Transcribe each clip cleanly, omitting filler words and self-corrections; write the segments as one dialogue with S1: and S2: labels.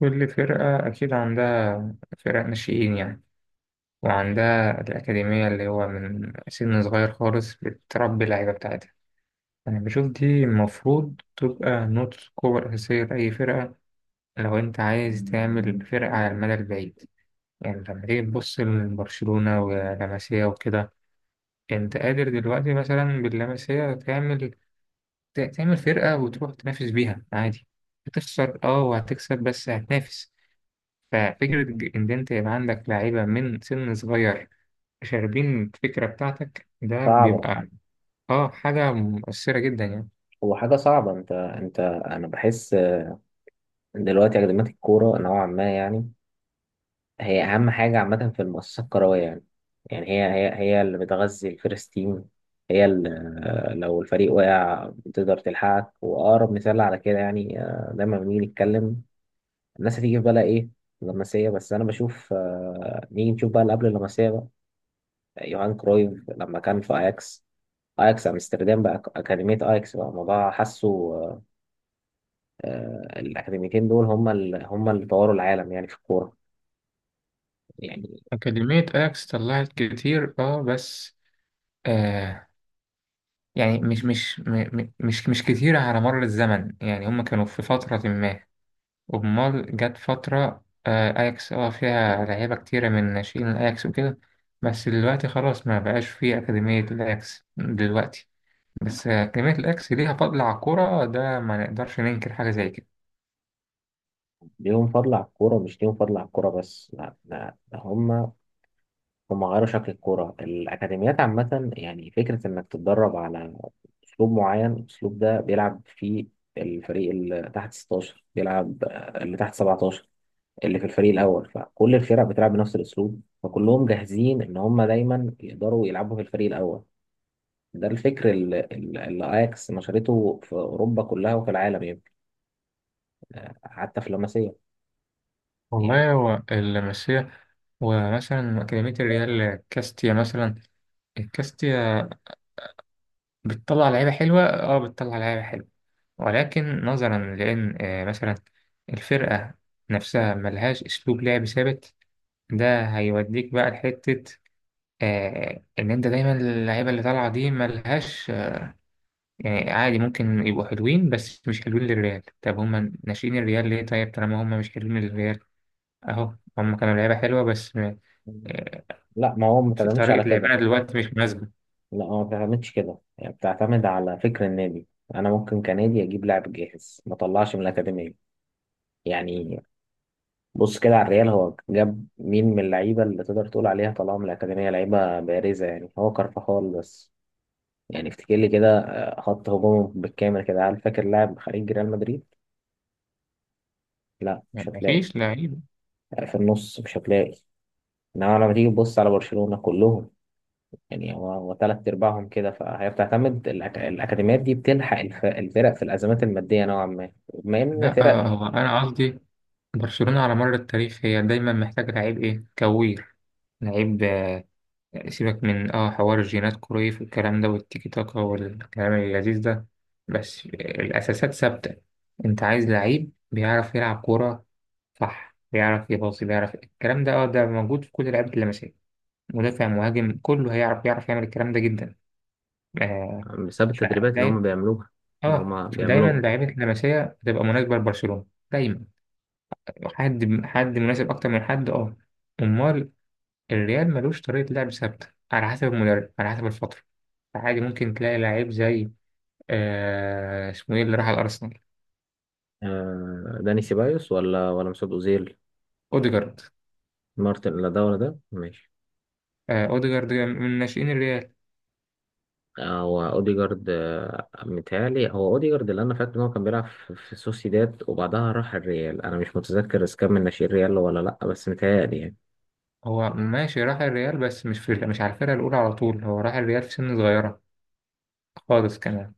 S1: كل فرقة أكيد عندها فرق ناشئين يعني، وعندها الأكاديمية اللي هو من سن صغير خالص بتربي اللعيبة بتاعتها. أنا بشوف دي المفروض تبقى نقطة قوة أساسية لأي فرقة، لو أنت عايز تعمل فرقة على المدى البعيد. يعني لما تيجي تبص لبرشلونة ولاماسيا وكده، أنت قادر دلوقتي مثلا باللاماسيا تعمل فرقة وتروح تنافس بيها عادي. هتخسر اه وهتكسب بس هتنافس. ففكرة إن أنت يبقى عندك لعيبة من سن صغير شاربين الفكرة بتاعتك، ده
S2: صعبة.
S1: بيبقى آه حاجة مؤثرة جدا يعني.
S2: هو حاجة صعبة، انت انت انا بحس دلوقتي اكاديمية الكورة نوعا ما، يعني هي اهم حاجة عامة في المؤسسة الكروية يعني. يعني هي اللي بتغذي الفيرست تيم، هي اللي لو الفريق وقع بتقدر تلحقك. واقرب مثال على كده يعني، دايما لما نيجي نتكلم الناس هتيجي في بالها ايه؟ اللمسية. بس انا بشوف، نيجي نشوف بقى اللي قبل اللمسية بقى يوهان كرويف لما كان في اياكس. اياكس امستردام بقى اكاديمية اياكس بقى الموضوع حاسه. آه، الأكاديميتين دول هم هم اللي طوروا العالم يعني في الكورة. يعني
S1: أكاديمية أياكس طلعت كتير آه بس، آه، يعني مش مش كتير على مر الزمن، يعني هما كانوا في فترة ما. أمال جت فترة، أياكس فيها لعيبة كتيرة من ناشئين الأياكس وكده، بس دلوقتي خلاص ما بقاش فيه أكاديمية الأياكس دلوقتي. بس كلمة الأكس ليها فضل على الكورة، ده ما نقدرش ننكر حاجة زي كده.
S2: ليهم فضل على الكورة، مش ليهم فضل على الكورة بس، لا ده هم، هم غيروا شكل الكورة. الأكاديميات عامة يعني فكرة إنك تتدرب على أسلوب معين. الأسلوب ده بيلعب فيه الفريق اللي تحت 16 بيلعب، اللي تحت 17 اللي في الفريق الأول، فكل الفرق بتلعب بنفس الأسلوب، فكلهم جاهزين إن هم دايما يقدروا يلعبوا في الفريق الأول. ده الفكر اللي اياكس نشرته في اوروبا كلها وفي العالم يمكن، حتى في لاماسيا يعني.
S1: والله هو اللمسية، ومثلا كلمة الريال كاستيا مثلا، الكاستيا بتطلع لعيبة حلوة، اه بتطلع لعيبة حلوة. ولكن نظرا لأن مثلا الفرقة نفسها ملهاش أسلوب لعب ثابت، ده هيوديك بقى لحتة إن أنت دايما اللعيبة اللي طالعة دي ملهاش يعني. عادي ممكن يبقوا حلوين بس مش حلوين للريال. طب هما ناشئين الريال ليه طيب طالما هما مش حلوين للريال؟ اهو هما كانوا لعيبة حلوة بس آه،
S2: لا ما هو ما
S1: في
S2: بتعتمدش على
S1: طريقة
S2: كده،
S1: لعبنا دلوقتي مش مناسبة.
S2: لا هو ما بتعتمدش كده، يعني بتعتمد على فكر النادي. انا ممكن كنادي اجيب لاعب جاهز ما طلعش من الاكاديميه. يعني بص كده على الريال، هو جاب مين من اللعيبه اللي تقدر تقول عليها طلعوا من الاكاديميه لعيبه بارزه؟ يعني هو كارفاخال بس. يعني افتكر لي كده، خط هجومه بالكامل كده، هل فاكر لاعب خارج ريال مدريد؟ لا مش
S1: يعني
S2: هتلاقي.
S1: مفيش لعيب.
S2: في النص مش هتلاقي. انما لما تيجي تبص على برشلونة كلهم، يعني هو تلات ارباعهم كده. فهي بتعتمد الاكاديميات دي بتلحق الفرق في الازمات الماديه نوعا ما، بما ان
S1: لا
S2: فرق
S1: هو أنا قصدي برشلونة على مر التاريخ هي دايما محتاجة لعيب إيه، كوير، لعيب آه، سيبك من اه حوار الجينات كرويف والكلام ده والتيكي تاكا والكلام اللذيذ ده، بس الأساسات ثابتة. أنت عايز لعيب بيعرف يلعب كورة، صح، بيعرف يباصي بيعرف الكلام ده اه، ده موجود في كل لعيبة اللمسية، مدافع مهاجم كله هيعرف يعرف يعمل الكلام ده جدا. آه،
S2: بسبب التدريبات اللي هم
S1: فدايما
S2: بيعملوها. ما
S1: اه
S2: هم
S1: فدايما
S2: بيعملوا.
S1: لعيبة اللمسية بتبقى مناسبة لبرشلونة، دايما. حد حد مناسب أكتر من حد اه. أمال الريال ملوش طريقة لعب ثابتة، على حسب المدرب على حسب الفترة. فعادي ممكن تلاقي لعيب زي، آه اسمه ايه اللي راح الأرسنال،
S2: داني سيبايوس ولا مسعود اوزيل؟
S1: أوديجارد.
S2: مارتن، لا ده ولا ده، ماشي.
S1: آه أوديجارد من ناشئين الريال.
S2: هو اوديجارد، متهيألي هو اوديجارد اللي انا فاكر ان هو كان بيلعب في سوسيداد وبعدها راح الريال. انا مش متذكر اذا كان من ناشئين الريال ولا لا، بس متهيألي يعني.
S1: هو ماشي راح الريال بس مش على الفرقة الأولى على طول، هو راح الريال في سن صغيرة خالص كمان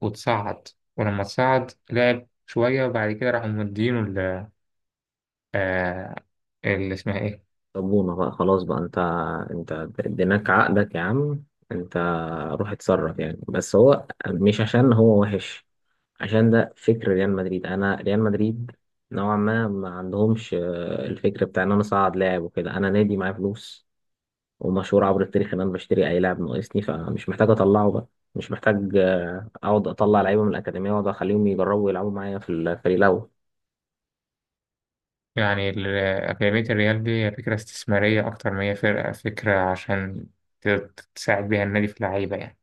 S1: وتصعد، ولما تصعد لعب شوية وبعد كده راحوا مدينه ال آه، اللي اسمها إيه.
S2: صبونة بقى خلاص بقى انت، انت اديناك عقدك يا عم، انت روح اتصرف يعني. بس هو مش عشان هو وحش، عشان ده فكر ريال مدريد. انا ريال مدريد نوعا ما ما عندهمش، الفكر بتاع ان انا اصعد لاعب وكده. انا نادي معايا فلوس ومشهور عبر التاريخ ان انا بشتري اي لاعب ناقصني، فمش محتاج اطلعه بقى. مش محتاج، اقعد اطلع لعيبه من الاكاديميه واقعد اخليهم يجربوا يلعبوا معايا في الفريق الاول.
S1: يعني أكاديمية الريال دي فكرة استثمارية أكتر ما هي فرقة، فكرة عشان تساعد بيها النادي في اللعيبة يعني.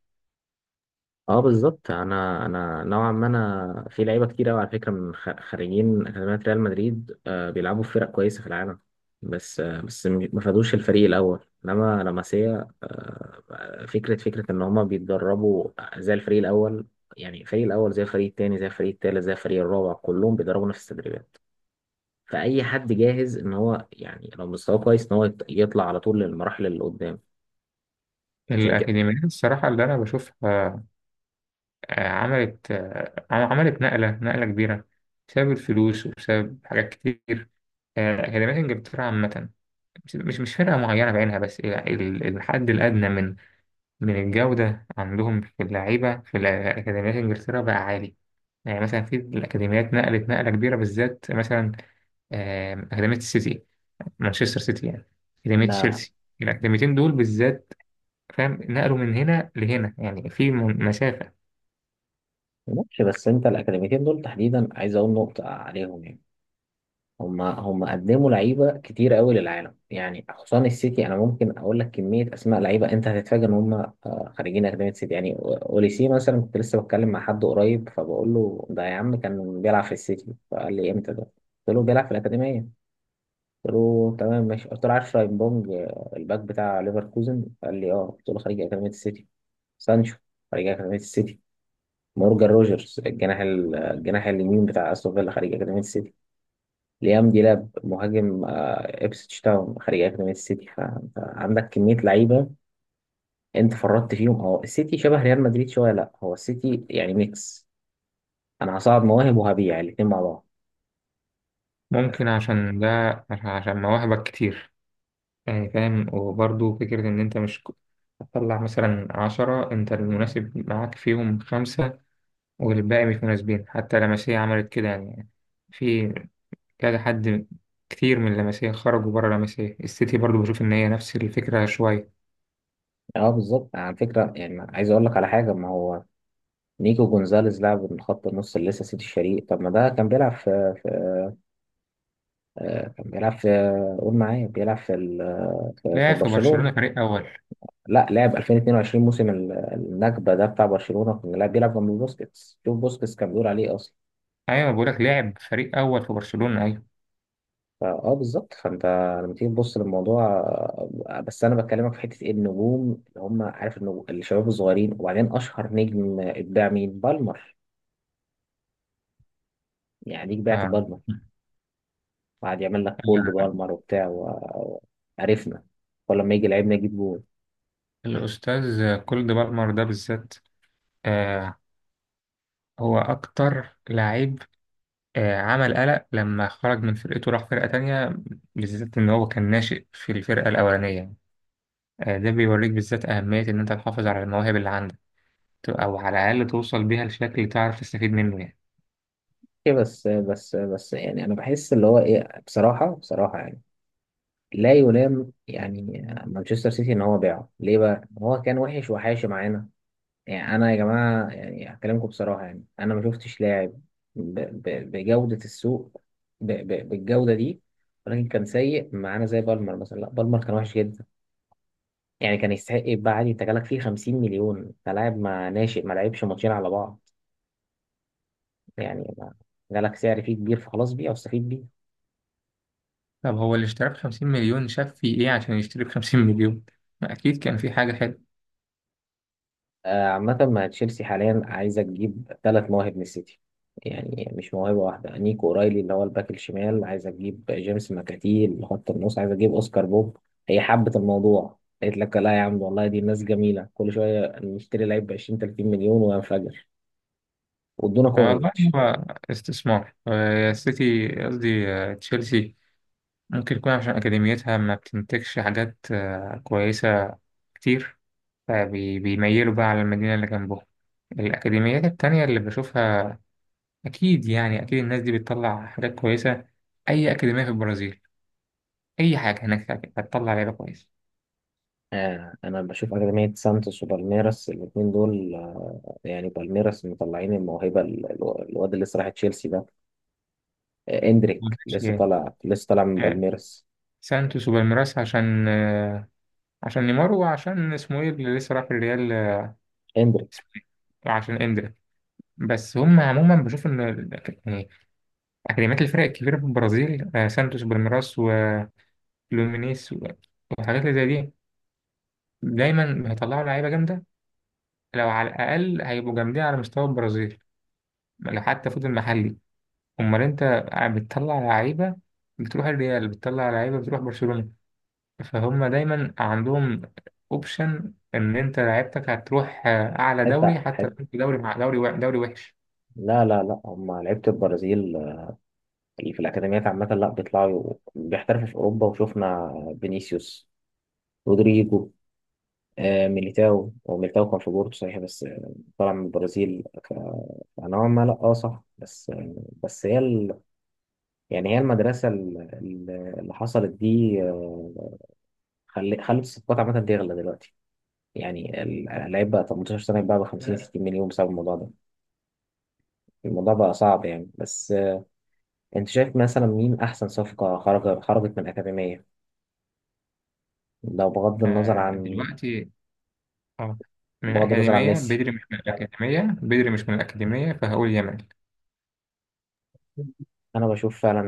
S2: اه بالظبط. انا نوعا ما، انا في لعيبه كتير قوي على فكره من خريجين اكاديميه ريال مدريد، آه بيلعبوا في فرق كويسه في العالم، بس آه بس ما خدوش الفريق الاول. انما لاماسيا آه فكره ان هما بيتدربوا زي الفريق الاول، يعني الفريق الاول زي الفريق التاني زي الفريق التالت زي الفريق الرابع، كلهم بيدربوا نفس التدريبات. فاي حد جاهز ان هو، يعني لو مستواه كويس ان هو يطلع على طول للمراحل اللي قدام عشان
S1: الأكاديميات الصراحة اللي أنا بشوفها، عملت، عملت نقلة كبيرة بسبب الفلوس وبسبب حاجات كتير. آه، أكاديمية إنجلترا عامة، مش فرقة معينة بعينها، بس الحد الأدنى من من الجودة عندهم في اللعيبة في الأكاديميات إنجلترا بقى عالي. يعني مثلا في الأكاديميات نقلت نقلة كبيرة بالذات مثلا، أكاديمية السيتي، مانشستر سيتي يعني، أكاديمية
S2: كده.
S1: تشيلسي، الأكاديميتين دول بالذات، فاهم، نقلوا من هنا لهنا يعني في مسافة.
S2: ماشي بس انت الاكاديميتين دول تحديدا عايز اقول نقطه عليهم، يعني هم قدموا لعيبه كتير قوي للعالم يعني، خصوصا السيتي. انا ممكن اقول لك كميه اسماء لعيبه انت هتتفاجئ ان هم، خريجين اكاديميه سيتي. يعني اوليسي مثلا، كنت لسه بتكلم مع حد قريب فبقول له ده يا عم كان بيلعب في السيتي، فقال لي امتى ده؟ قلت له بيلعب في الاكاديميه. قلت له تمام ماشي. قلت له عارف شاينبونج، الباك بتاع ليفركوزن؟ قال لي اه. قلت له خريج اكاديميه السيتي. سانشو خريج اكاديميه السيتي. مورجان روجرز الجناح الجناح اليمين بتاع استون فيلا خارج اكاديميه السيتي. ليام ديلاب مهاجم، إبسيتش تاون خارج اكاديميه السيتي. فانت عندك كميه لعيبه انت فرطت فيهم. هو السيتي شبه ريال مدريد شويه. لا هو السيتي يعني ميكس، انا هصعد مواهب وهبيع الاثنين مع بعض.
S1: ممكن عشان ده، عشان مواهبك كتير، يعني فاهم. وبرضه فكرة إن أنت مش هتطلع مثلا عشرة أنت المناسب معاك فيهم خمسة والباقي مش مناسبين، حتى لمسية عملت كده يعني. في كذا حد، كتير من لمسية خرجوا بره لمسية، السيتي برضو بشوف إن هي نفس الفكرة شوية.
S2: اه بالظبط على فكره. يعني عايز اقول لك على حاجه، ما هو نيكو جونزاليز لعب من خط النص اللي لسه سيتي الشريق. طب ما ده كان بيلعب في, في كان بيلعب في، قول معايا بيلعب في ال- في في
S1: لعب في برشلونة
S2: برشلونه.
S1: فريق أول.
S2: لا، لعب 2022 موسم النكبه ده بتاع برشلونه، كان لا بيلعب جنب بوسكيتس. شوف بوسكيتس كان بيقول عليه اصلا.
S1: أيوة، بقولك لعب فريق أول في برشلونة، أيوة.
S2: فاه بالظبط. فانت لما تيجي تبص للموضوع، بس انا بكلمك في حته إيه النجوم اللي هم عارف، النجوم الشباب الصغيرين، وبعدين اشهر نجم اتباع مين؟ بالمر. يعني ليك بعت
S1: آه.
S2: بالمر وقعد يعمل لك كولد
S1: ال-
S2: بالمر وبتاع وعرفنا. ولما يجي لعيب نجيب جول.
S1: الأستاذ كولد بالمر ده بالذات آه، هو أكتر لعيب آه عمل قلق لما خرج من فرقته راح فرقة تانية، بالذات إن هو كان ناشئ في الفرقة الأولانية. آه، ده بيوريك بالذات أهمية إن أنت تحافظ على المواهب اللي عندك، أو على الأقل توصل بيها لشكل تعرف تستفيد منه يعني.
S2: ايه بس يعني انا بحس اللي هو ايه بصراحه، يعني لا يلام يعني. مانشستر سيتي ان هو باعه ليه بقى؟ هو كان وحش وحاشي معانا؟ يعني انا يا جماعه يعني هكلمكم بصراحه يعني. انا ما شفتش لاعب ب- بجوده السوق، بالجوده دي. ولكن كان سيء معانا زي بالمر مثلا، لا بالمر كان وحش جدا يعني. كان يستحق يتباع عادي. انت جالك فيه 50 مليون، انت لاعب ما ناشئ ما لعبش ماتشين على بعض، يعني جالك سعر فيه كبير، فخلاص بيع واستفيد بيه.
S1: طب هو اللي اشتراه بخمسين مليون شاف فيه إيه عشان يشتري بخمسين مليون؟ ما أكيد كان في حاجة حلوة.
S2: عامة مع تشيلسي حاليا عايزة تجيب ثلاث مواهب من السيتي، يعني مش موهبة واحدة. نيكو أورايلي اللي هو الباك الشمال، عايزة تجيب جيمس ماكاتي اللي خط النص، عايزة تجيب أوسكار بوب. هي حبت الموضوع، قالت لك لا يا عم والله دي ناس جميلة، كل شوية نشتري لعيب ب 20 30 مليون وينفجر. وادونا
S1: والله
S2: كوفيتش.
S1: هو استثمار، السيتي قصدي، تشيلسي، ممكن يكون عشان أكاديميتها ما بتنتجش حاجات آه كويسة كتير، فبيميلوا بقى على المدينة اللي جنبهم. الأكاديميات التانية اللي بشوفها، أكيد يعني أكيد الناس دي بتطلع حاجات كويسة. أي أكاديمية في البرازيل، أي حاجة هناك هتطلع لعيبة كويسة.
S2: آه أنا بشوف أكاديمية سانتوس وبالميراس الاتنين دول آه. يعني بالميراس مطلعين الموهبة الواد اللي لسه راح تشيلسي ده، آه إندريك
S1: معلش
S2: لسه
S1: يعني.
S2: طالع، لسه طالع من
S1: آه،
S2: بالميراس.
S1: سانتوس وبالميراس عشان، آه، عشان نيمار وعشان اسمه ايه اللي لسه راح الريال، آه، اسمه ايه، وعشان اندريك. بس هم عموما بشوف ان يعني اكاديميات الفرق الكبيره في البرازيل، آه، سانتوس وبالميراس وفلومينيس وحاجات اللي زي دي، دايما هيطلعوا لعيبه جامده. لو على الاقل هيبقوا جامدين على مستوى البرازيل لو حتى فضل محلي. امال انت بتطلع لعيبه بتروح الريال، بتطلع لعيبه بتروح برشلونه، فهم دايما عندهم اوبشن ان انت لعيبتك هتروح، آه، اعلى دوري،
S2: حتة
S1: حتى لو
S2: حتة.
S1: انت دوري مع دوري دوري وحش.
S2: لا هم لعيبة البرازيل اللي في الأكاديميات عامة لا بيطلعوا بيحترفوا في أوروبا. وشفنا فينيسيوس، رودريجو، ميليتاو. هو ميليتاو كان في بورتو صحيح بس، طلع من البرازيل فنوعا ما لا اه صح، بس بس يعني هي المدرسة اللي حصلت دي، خلت الصفقات عامة تغلى دلوقتي. يعني اللعيب بقى 18 سنة يتباع ب 50 60 مليون بسبب الموضوع ده. الموضوع بقى صعب يعني. بس انت شايف مثلا مين احسن صفقة خرجت من الأكاديمية لو
S1: آه، دلوقتي اه، من
S2: بغض النظر عن
S1: اكاديميه
S2: ميسي؟
S1: بدري، مش من الاكاديميه بدري، مش من الاكاديميه، فهقول يامال
S2: انا بشوف فعلا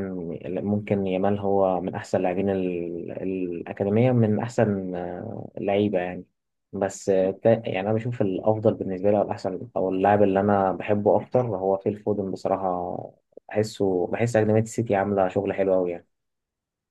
S2: ممكن يامال هو من احسن لاعبين الأكاديمية، من احسن لعيبة يعني. بس آه، يعني انا بشوف الافضل بالنسبة لي، او الاحسن، او اللاعب اللي انا بحبه اكتر هو فيل فودن بصراحة. بحس أكاديمية السيتي عاملة شغل حلو قوي يعني.